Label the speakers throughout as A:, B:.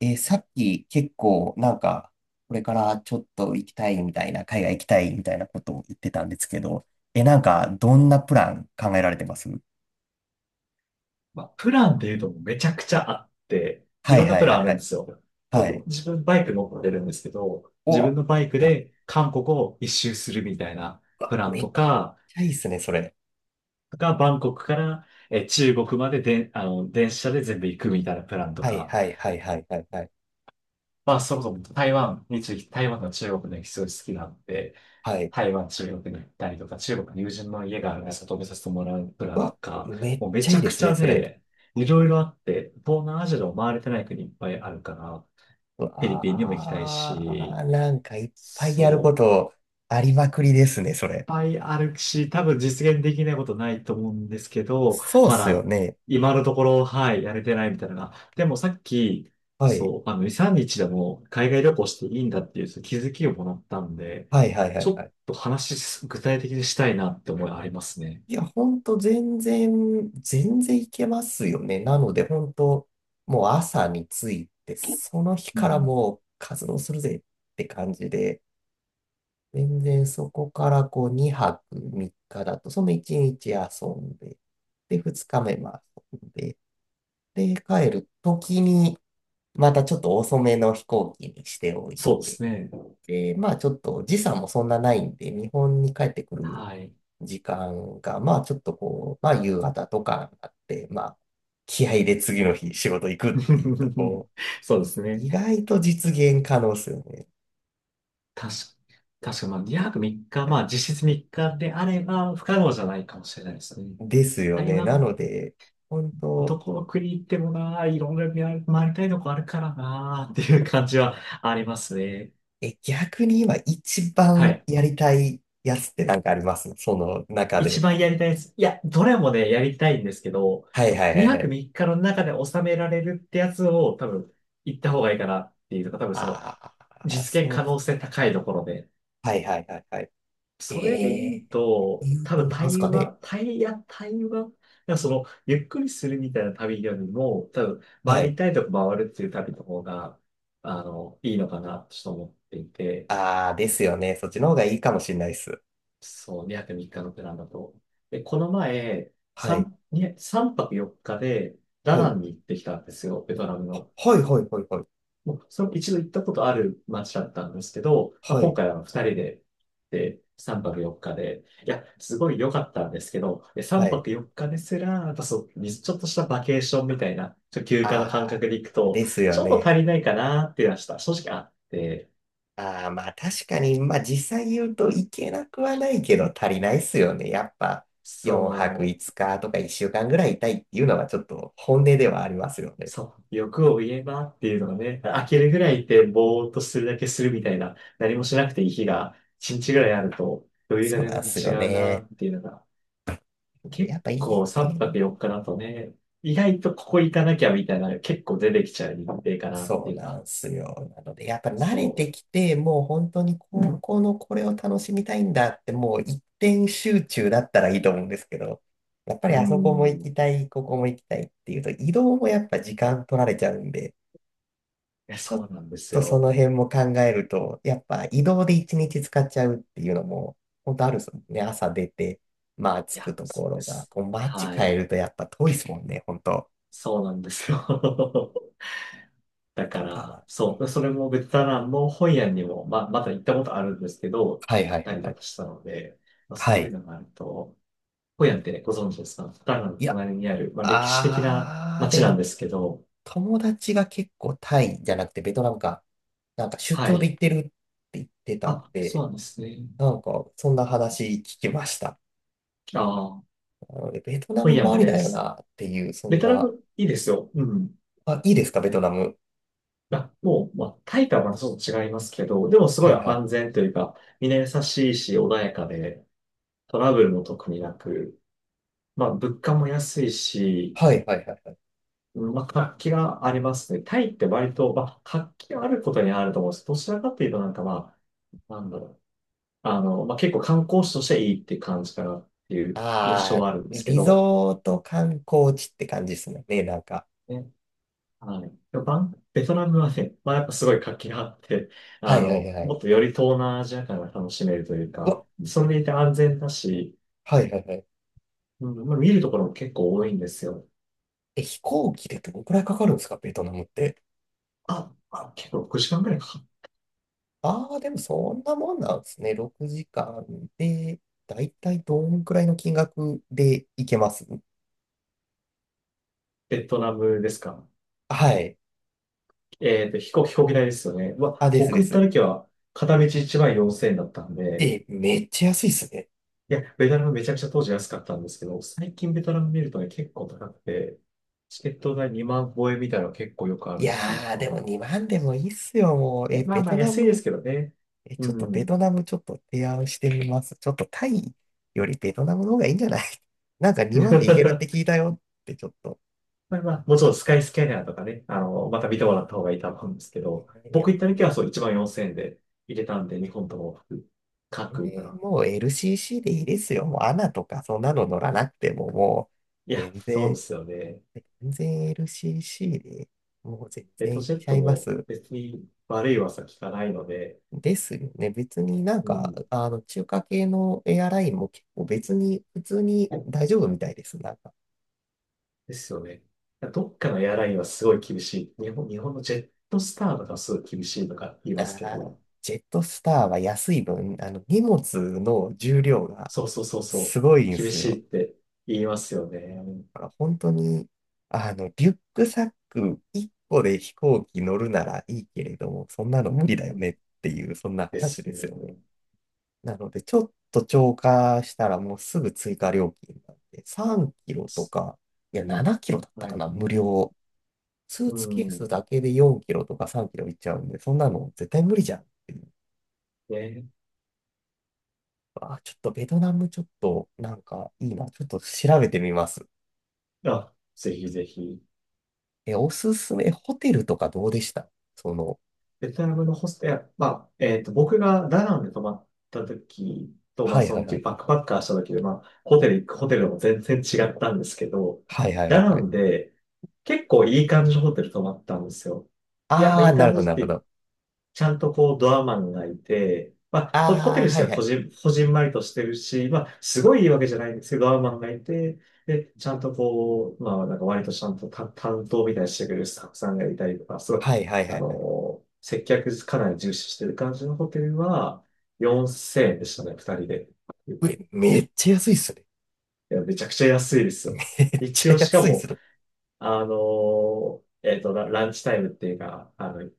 A: さっき結構なんか、これからちょっと行きたいみたいな、海外行きたいみたいなことを言ってたんですけど、なんか、どんなプラン考えられてます？
B: まあ、プランっていうとめちゃくちゃあって、い
A: は
B: ろ
A: い
B: んな
A: は
B: プ
A: いは
B: ラン
A: い
B: あ
A: は
B: るんで
A: い。
B: すよ。こ
A: は
B: の
A: い。
B: 自分バイク乗ってるんですけど、
A: お、
B: 自分
A: う
B: のバイクで韓国を一周するみたいなプ
A: わ
B: ラン
A: めっ
B: とか、
A: ちゃいいですね、それ。
B: がバンコクから中国までで、電車で全部行くみたいなプランと
A: はい
B: か、
A: はいはいはいはいはい。
B: まあ、そもそも台湾について、台湾の中国の歴史が好きなんで、
A: はい。
B: 台湾、中国に行ったりとか、中国の友人の家があるので、外見させてもらうプラ
A: う
B: ンと
A: わ、
B: か、
A: めっ
B: もうめ
A: ちゃ
B: ち
A: いい
B: ゃ
A: で
B: く
A: す
B: ち
A: ね、
B: ゃ
A: それ。
B: ね、いろいろあって、東南アジアでも回れてない国いっぱいあるから、フ
A: う
B: ィリピンにも行きたいし、
A: わー、なんかいっぱいやるこ
B: そう
A: とありまくりですね、それ。
B: ぱいあるし、多分実現できないことないと思うんですけど、
A: そうっ
B: ま
A: すよ
B: だ、
A: ね。
B: 今のところ、はい、やれてないみたいなのが。でもさっき、
A: はい。
B: そう、2、3日でも海外旅行していいんだっていうその気づきをもらったんで、
A: はいはいは
B: ち
A: い
B: ょ
A: は
B: っ
A: い。
B: と話し、具体的にしたいなって思いありますね。
A: いや、ほんと全然、全然いけますよね。なので、ほんと、もう朝に着いて、その日
B: う
A: から
B: ん、
A: もう活動するぜって感じで、全然そこからこう2泊3日だと、その1日遊んで、で、2日目も遊んで、で、帰る時に、またちょっと遅めの飛行機にしておい
B: そうで
A: て、
B: すね。
A: で、まあちょっと時差もそんなないんで、日本に帰ってくる
B: はい。
A: 時間が、まあちょっとこう、まあ夕方とかになって、まあ気合で次の日仕事行くっていうと こ
B: そうです
A: 意
B: ね。
A: 外と実現可能ですよね。
B: 確確か、まあ、2泊3日、まあ、実質3日であれば、不可能じゃないかもしれないですね。
A: ですよ
B: 台
A: ね。な
B: 湾
A: ので、本当。
B: どこの国行ってもないろんな回り回りたいとこあるからなっていう感じはありますね。
A: 逆に今一
B: は
A: 番
B: い。
A: やりたいやつってなんかありますその中
B: 一
A: で？
B: 番やりたいです。いや、どれもね、やりたいんですけど、
A: はいはいはい
B: 2
A: は
B: 泊
A: い。
B: 3日の中で収められるってやつを多分行った方がいいかなっていうのが多分その
A: ああ、
B: 実現
A: そう
B: 可
A: っす。
B: 能性高いところで、
A: はいはいはいはい。え
B: それで言う
A: えー、
B: と、
A: 言う
B: 多
A: と
B: 分
A: なんす
B: 対
A: かね。
B: 話、対、いや、対話、いやその、ゆっくりするみたいな旅よりも、多分、
A: は
B: 回
A: い。
B: りたいとこ回るっていう旅の方が、いいのかな、と思っていて、
A: ああ、ですよね。そっちの方がいいかもしれないです。
B: そう、2泊3日のプランだと。で、この前、
A: はい。
B: 3泊4日で、ダ
A: はい。
B: ナンに行ってきたんですよ、ベトナムの。
A: はいはいはいはい。
B: もうその一度行ったことある街だったんですけど、まあ、
A: は
B: 今
A: い。
B: 回は二人で、で、3泊4日で、いや、すごい良かったんですけど、で
A: は
B: 3
A: い。
B: 泊4日ですら、やっぱそう、ちょっとしたバケーションみたいな、ちょっと休暇の
A: あ
B: 感覚で行く
A: あ、
B: と、
A: ですよ
B: ちょっと
A: ね。
B: 足りないかなっていうのはした正直あって、
A: ああ、まあ確かに、まあ実際言うといけなくはないけど足りないっすよね。やっぱ4泊
B: そ
A: 5
B: う、
A: 日とか1週間ぐらいいたいっていうのはちょっと本音ではありますよね。
B: そう、欲を言えばっていうのがね、飽きるぐらいって、ぼーっとするだけするみたいな、何もしなくていい日が、1日ぐらいあると、余裕が
A: そうな
B: 全
A: ん
B: 然
A: すよ
B: 違うな
A: ね。
B: っていうのが、
A: や
B: 結
A: っぱいいです
B: 構3
A: ね。
B: 泊4日だとね、意外とここ行かなきゃみたいなのが結構出てきちゃう日程かなっ
A: そ
B: て
A: う
B: いう
A: な
B: か、
A: んすよ。なので、やっぱ慣れて
B: そ
A: きて、もう本当にう高ん校のこれを楽しみたいんだって、もう一点集中だったらいいと思うんですけど、やっぱ
B: う。
A: り
B: う
A: あそこも行
B: ん。い
A: きたい、ここも行きたいっていうと、移動もやっぱ時間取られちゃうんで、
B: や、
A: ちょっ
B: そうなんです
A: とそ
B: よ。
A: の辺も考えると、やっぱ移動で一日使っちゃうっていうのも、本当あるですもんね。朝出て、まあ着
B: い
A: く
B: や、
A: と
B: そ
A: こ
B: うで
A: ろが、
B: す。
A: こう街
B: は
A: 変え
B: い。
A: るとやっぱ遠いですもんね、本当。
B: そうなんですよ。だ
A: だ
B: か
A: か
B: ら、
A: ら。
B: そう。それもベトナムもホイアンにも、まだ行ったことあるんですけど、行
A: はいは
B: っ
A: いは
B: た
A: い
B: り
A: は
B: と
A: い。
B: かしたので、まあ、
A: は
B: そういう
A: い。
B: のがあると、ホイアンってね、ご存知ですか？ベトナムの
A: いや
B: 隣にある、まあ、歴史的な
A: あー、
B: 街
A: で
B: なん
A: も、
B: ですけど、
A: 友達が結構タイじゃなくてベトナムか。なんか出
B: は
A: 張で
B: い。
A: 行ってるって言ってたん
B: あ、そう
A: で、
B: なんですね。
A: なんかそんな話聞きました。
B: ああ、
A: なのでベトナ
B: 本
A: ム
B: 屋
A: もあ
B: も
A: り
B: で
A: だよ
B: す。
A: なっていう、そ
B: ベ
A: ん
B: トナ
A: な。
B: ムいいですよ。うん。
A: あ、いいですか、ベトナム。
B: あ、もう、まあ、タイとはまたちょっと違いますけど、でもすご
A: は
B: い
A: いはい。
B: 安全というか、みんな優しいし、穏やかで、トラブルも特になく、まあ、物価も安いし、
A: はいはいはいはい。
B: うん、まあ、活気がありますね。タイって割と、まあ、活気があることにあると思うんですけど、どちらかというと、なんかまあ、なんだろう。まあ、結構観光地としていいっていう感じかなっていう印象
A: あ
B: はあるんです
A: ー、
B: け
A: リ
B: ど
A: ゾート観光地って感じですね、なんか。
B: ね。はい。でもベトナムはね、まあやっぱすごい活気があって、
A: はいはいはいは
B: も
A: い。
B: っとより東南アジア感が楽しめるという
A: う
B: か、
A: わ、
B: それでいて安全だし、
A: はいはいはい。
B: うん、まあ見るところも結構多いんですよ。
A: 飛行機でどのくらいかかるんですか、ベトナムって？
B: あ、あ、結構6時間くらいかかっ。
A: ああ、でもそんなもんなんですね。6時間で、だいたいどんくらいの金額でいけます？
B: ベトナムですか？
A: はい。
B: 飛行機代ですよね。う
A: あ、
B: わ、
A: です
B: 僕
A: で
B: 行った
A: す。
B: 時は片道1万4000円だったんで、
A: え、めっちゃ安いっすね。
B: いや、ベトナムめちゃくちゃ当時安かったんですけど、最近ベトナム見るとね、結構高くて、チケット代2万超えみたいなの結構よくあ
A: い
B: るっていう
A: やー、で
B: か、
A: も2万でもいいっすよ、もう。
B: いや、ま
A: ベ
B: あま
A: ト
B: あ
A: ナ
B: 安いです
A: ム、
B: けどね。う
A: ちょっとベ
B: ん。
A: トナムちょっと提案してみます。ちょっとタイよりベトナムの方がいいんじゃない？ なんか2万でいけるって 聞いたよってちょっと。
B: まあまあ、もちろんスカイスキャナーとかね、また見てもらった方がいいと思うんですけど、
A: えいや、
B: 僕
A: も
B: 行った時はそう1万4000円で入れたんで、日本とも各
A: う全
B: 国か
A: 然
B: な。
A: もう LCC でいいですよ。もうアナとかそんなの乗らなくてももう。
B: いや、
A: 全
B: そう
A: 然
B: ですよね。
A: 全然 LCC でもう全
B: レッ
A: 然
B: ド
A: いっ
B: ジェッ
A: ちゃ
B: ト
A: いま
B: も
A: す。
B: 別に悪い噂聞かないので、
A: ですよね。別になん
B: う
A: か、
B: ん。
A: あの、中華系のエアラインも結構別に、普通に大丈夫みたいです。なんか、
B: ですよね。どっかのエアラインはすごい厳しい。日本のジェットスターとかすごい厳しいとか言い
A: あ
B: ますけ
A: ー
B: ど、
A: ジェットスターは安い分、あの、荷物の重量が
B: そうそうそう
A: す
B: そ
A: ご
B: う、
A: いんで
B: 厳
A: す
B: しい
A: よ。
B: って言いますよね。
A: だから本当に、あの、リュックサック1個で飛行機乗るならいいけれども、そんなの無理だよ
B: う
A: ね
B: ん、
A: っていう、そんな
B: で
A: 話
B: す
A: で
B: ね。
A: すよね。なので、ちょっと超過したらもうすぐ追加料金なんで、3キロとか、いや、7キロだった
B: は
A: か
B: い。
A: な、無料。ス
B: う
A: ーツケース
B: ん。
A: だけで4キロとか3キロいっちゃうんで、そんなの絶対無理じゃんっていう。
B: で、
A: あー、ちょっとベトナムちょっとなんかいいな。ちょっと調べてみます。
B: あ、ぜひぜひ。
A: おすすめ、ホテルとかどうでしたその？
B: ベトナムのホステル、まあ、僕がダナンで泊まった時と、ま
A: は
B: あ、
A: い
B: そ
A: はい
B: の、
A: はい。
B: バックパッカーした時で、まあ、ホテルでも全然違ったんですけど、
A: はいはいは
B: ダ
A: い
B: ナ
A: はい。
B: ンで結構いい感じのホテル泊まったんですよ。いや、まあ、
A: あ
B: いい
A: ー、なる
B: 感
A: ほ
B: じ
A: どな
B: っ
A: るほ
B: て
A: ど。
B: ちゃんとこうドアマンがいて、まあ、ホテ
A: あー、
B: ル自
A: は
B: 体
A: い
B: は
A: はい。
B: こじんまりとしてるし、まあ、すごいいいわけじゃないんですけど、ドアマンがいて、で、ちゃんとこう、まあ、なんか割とちゃんとた担当みたいにしてくれるスタッフさんがいたりとか、すごい、
A: はいはいはいはい。
B: 接客かなり重視してる感じのホテルは、4000円でしたね、二人で。
A: うえ、めっちゃ安いっすね。
B: いや、めちゃくちゃ安いで すよ。
A: めっち
B: 一
A: ゃ
B: 応、しか
A: 安いっす
B: も、
A: ね。
B: ラランチタイムっていうか、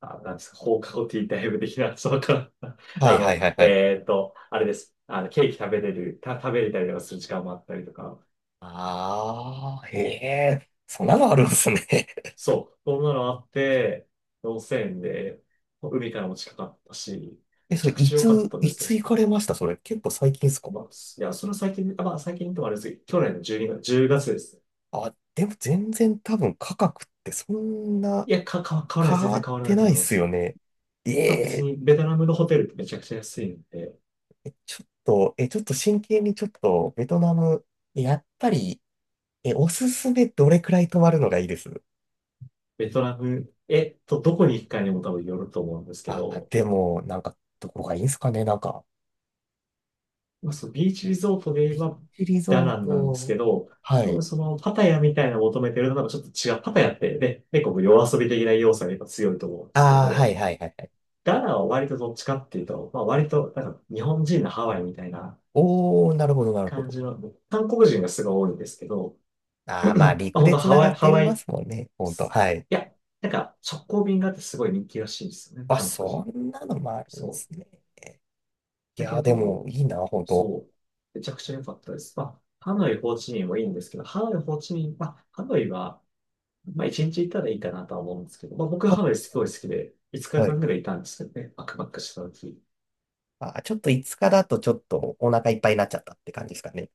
B: あ、なんですか、放課後ティータイム的な、そうか。
A: はいはいはいはい。
B: あれです。ケーキ食べれる、食べれたりとかする時間もあったりとか。
A: ああ、へえ、そんなのあるんですね。
B: そう、そんなのあって、温泉で、海からも近かったし、め
A: そ
B: ち
A: れ、
B: ゃくちゃ良かったで
A: い
B: すね。
A: つ行かれましたそれ、結構最近っすか？
B: まあ、いや、それは最近、あまあ、最近ともあれですけど、去年の12月、1ですね。
A: あ、でも全然多分価格ってそんな
B: いや、変わらな
A: 変
B: い、全
A: わ
B: 然
A: っ
B: 変わらな
A: て
B: いと
A: な
B: 思
A: いっ
B: いま
A: すよ
B: す。
A: ね。え
B: まあ、別
A: え、
B: に、ベトナムのホテルってめちゃくちゃ安いんで、
A: ちょっと、ちょっと真剣にちょっと、ベトナム、やっぱり、おすすめどれくらい泊まるのがいいです？
B: ベトナム、どこに行くかにも多分よると思うんですけ
A: あ、
B: ど、
A: でも、なんか、どこがいいんすかねなんか、
B: まあ、そうビーチリゾートで言え
A: ビー
B: ば
A: チリ
B: ダ
A: ゾ
B: ナ
A: ー
B: ンなんです
A: ト、
B: けど、
A: は
B: 多
A: い。
B: 分そのパタヤみたいなのを求めてるのとなんかちょっと違う。パタヤってね、結構夜遊び的な要素がやっぱ強いと思うんですけ
A: ああ、は
B: ど、
A: いはいはいはい。
B: ダナンは割とどっちかっていうと、まあ割となんか日本人のハワイみたいな
A: おー、なるほどなるほ
B: 感
A: ど。
B: じの、韓国人がすごい多いんですけど、
A: ああ、まあ、
B: まあ
A: 陸
B: 本
A: で
B: 当ハ
A: 繋が
B: ワイ、
A: っ
B: ハ
A: て
B: ワイ、
A: ま
B: い
A: すもんね。ほんと。はい。
B: や、なんか直行便があってすごい人気らしいんですよね、
A: あ、
B: 韓国
A: そ
B: 人。
A: んなのもあるんで
B: そう。
A: すね。い
B: だ
A: や
B: け
A: ー、で
B: ど、
A: も、いいな、ほんと。
B: そう。めちゃくちゃ良かったです。まあ、ハノイ、ホーチミンもいいんですけど、ハノイ、ホーチミン、まあ、ハノイは、まあ、一日行ったらいいかなとは思うんですけど、まあ、僕は
A: は、
B: ハノイすごい好きで、5
A: は
B: 日間
A: い。
B: ぐらいいたんですよね。バックパックした時。
A: あ、ちょっと5日だとちょっとお腹いっぱいになっちゃったって感じですかね。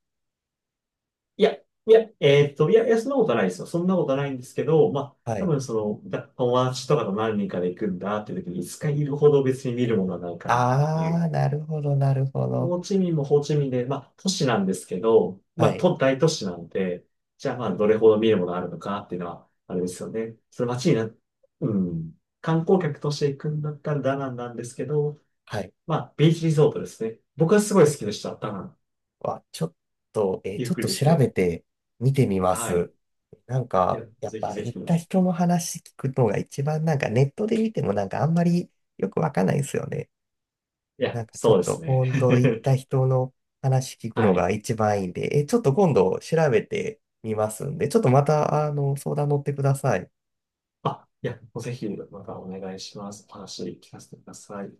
B: いや、いそんなことないですよ。そんなことないんですけど、まあ、
A: は
B: 多
A: い。
B: 分その、友達とかと何人かで行くんだっていう時に5日いるほど別に見るものはないかなってい
A: ああ、
B: う。
A: なるほど、なるほど。
B: ホーチミンもホーチミンで、まあ、都市なんですけど、
A: は
B: まあ、
A: い。
B: 大都市なんで、じゃあ、まあ、どれほど見るものがあるのかっていうのは、あれですよね。その街にな、うん、観光客として行くんだったらダナンなんですけど、
A: はい。
B: まあ、ビーチリゾートですね。僕はすごい好きでした、ダナン。
A: わ、ちょっと、
B: ゆ
A: ち
B: っ
A: ょっ
B: く
A: と
B: りでき
A: 調べ
B: て。
A: て見てみま
B: はい。
A: す。なん
B: い
A: か、
B: や、
A: やっ
B: ぜひ
A: ぱ
B: ぜ
A: 行っ
B: ひ。い
A: た人の話聞くのが一番なんかネットで見てもなんかあんまりよくわかんないですよね。
B: や、
A: なんかちょ
B: そう
A: っ
B: で
A: と
B: すね。
A: 本当行った人の話聞 くの
B: は
A: が
B: い。
A: 一番いいんで、ちょっと今度調べてみますんで、ちょっとまたあの相談乗ってください。
B: あ、いや、ぜひ、またお願いします。お話聞かせてください。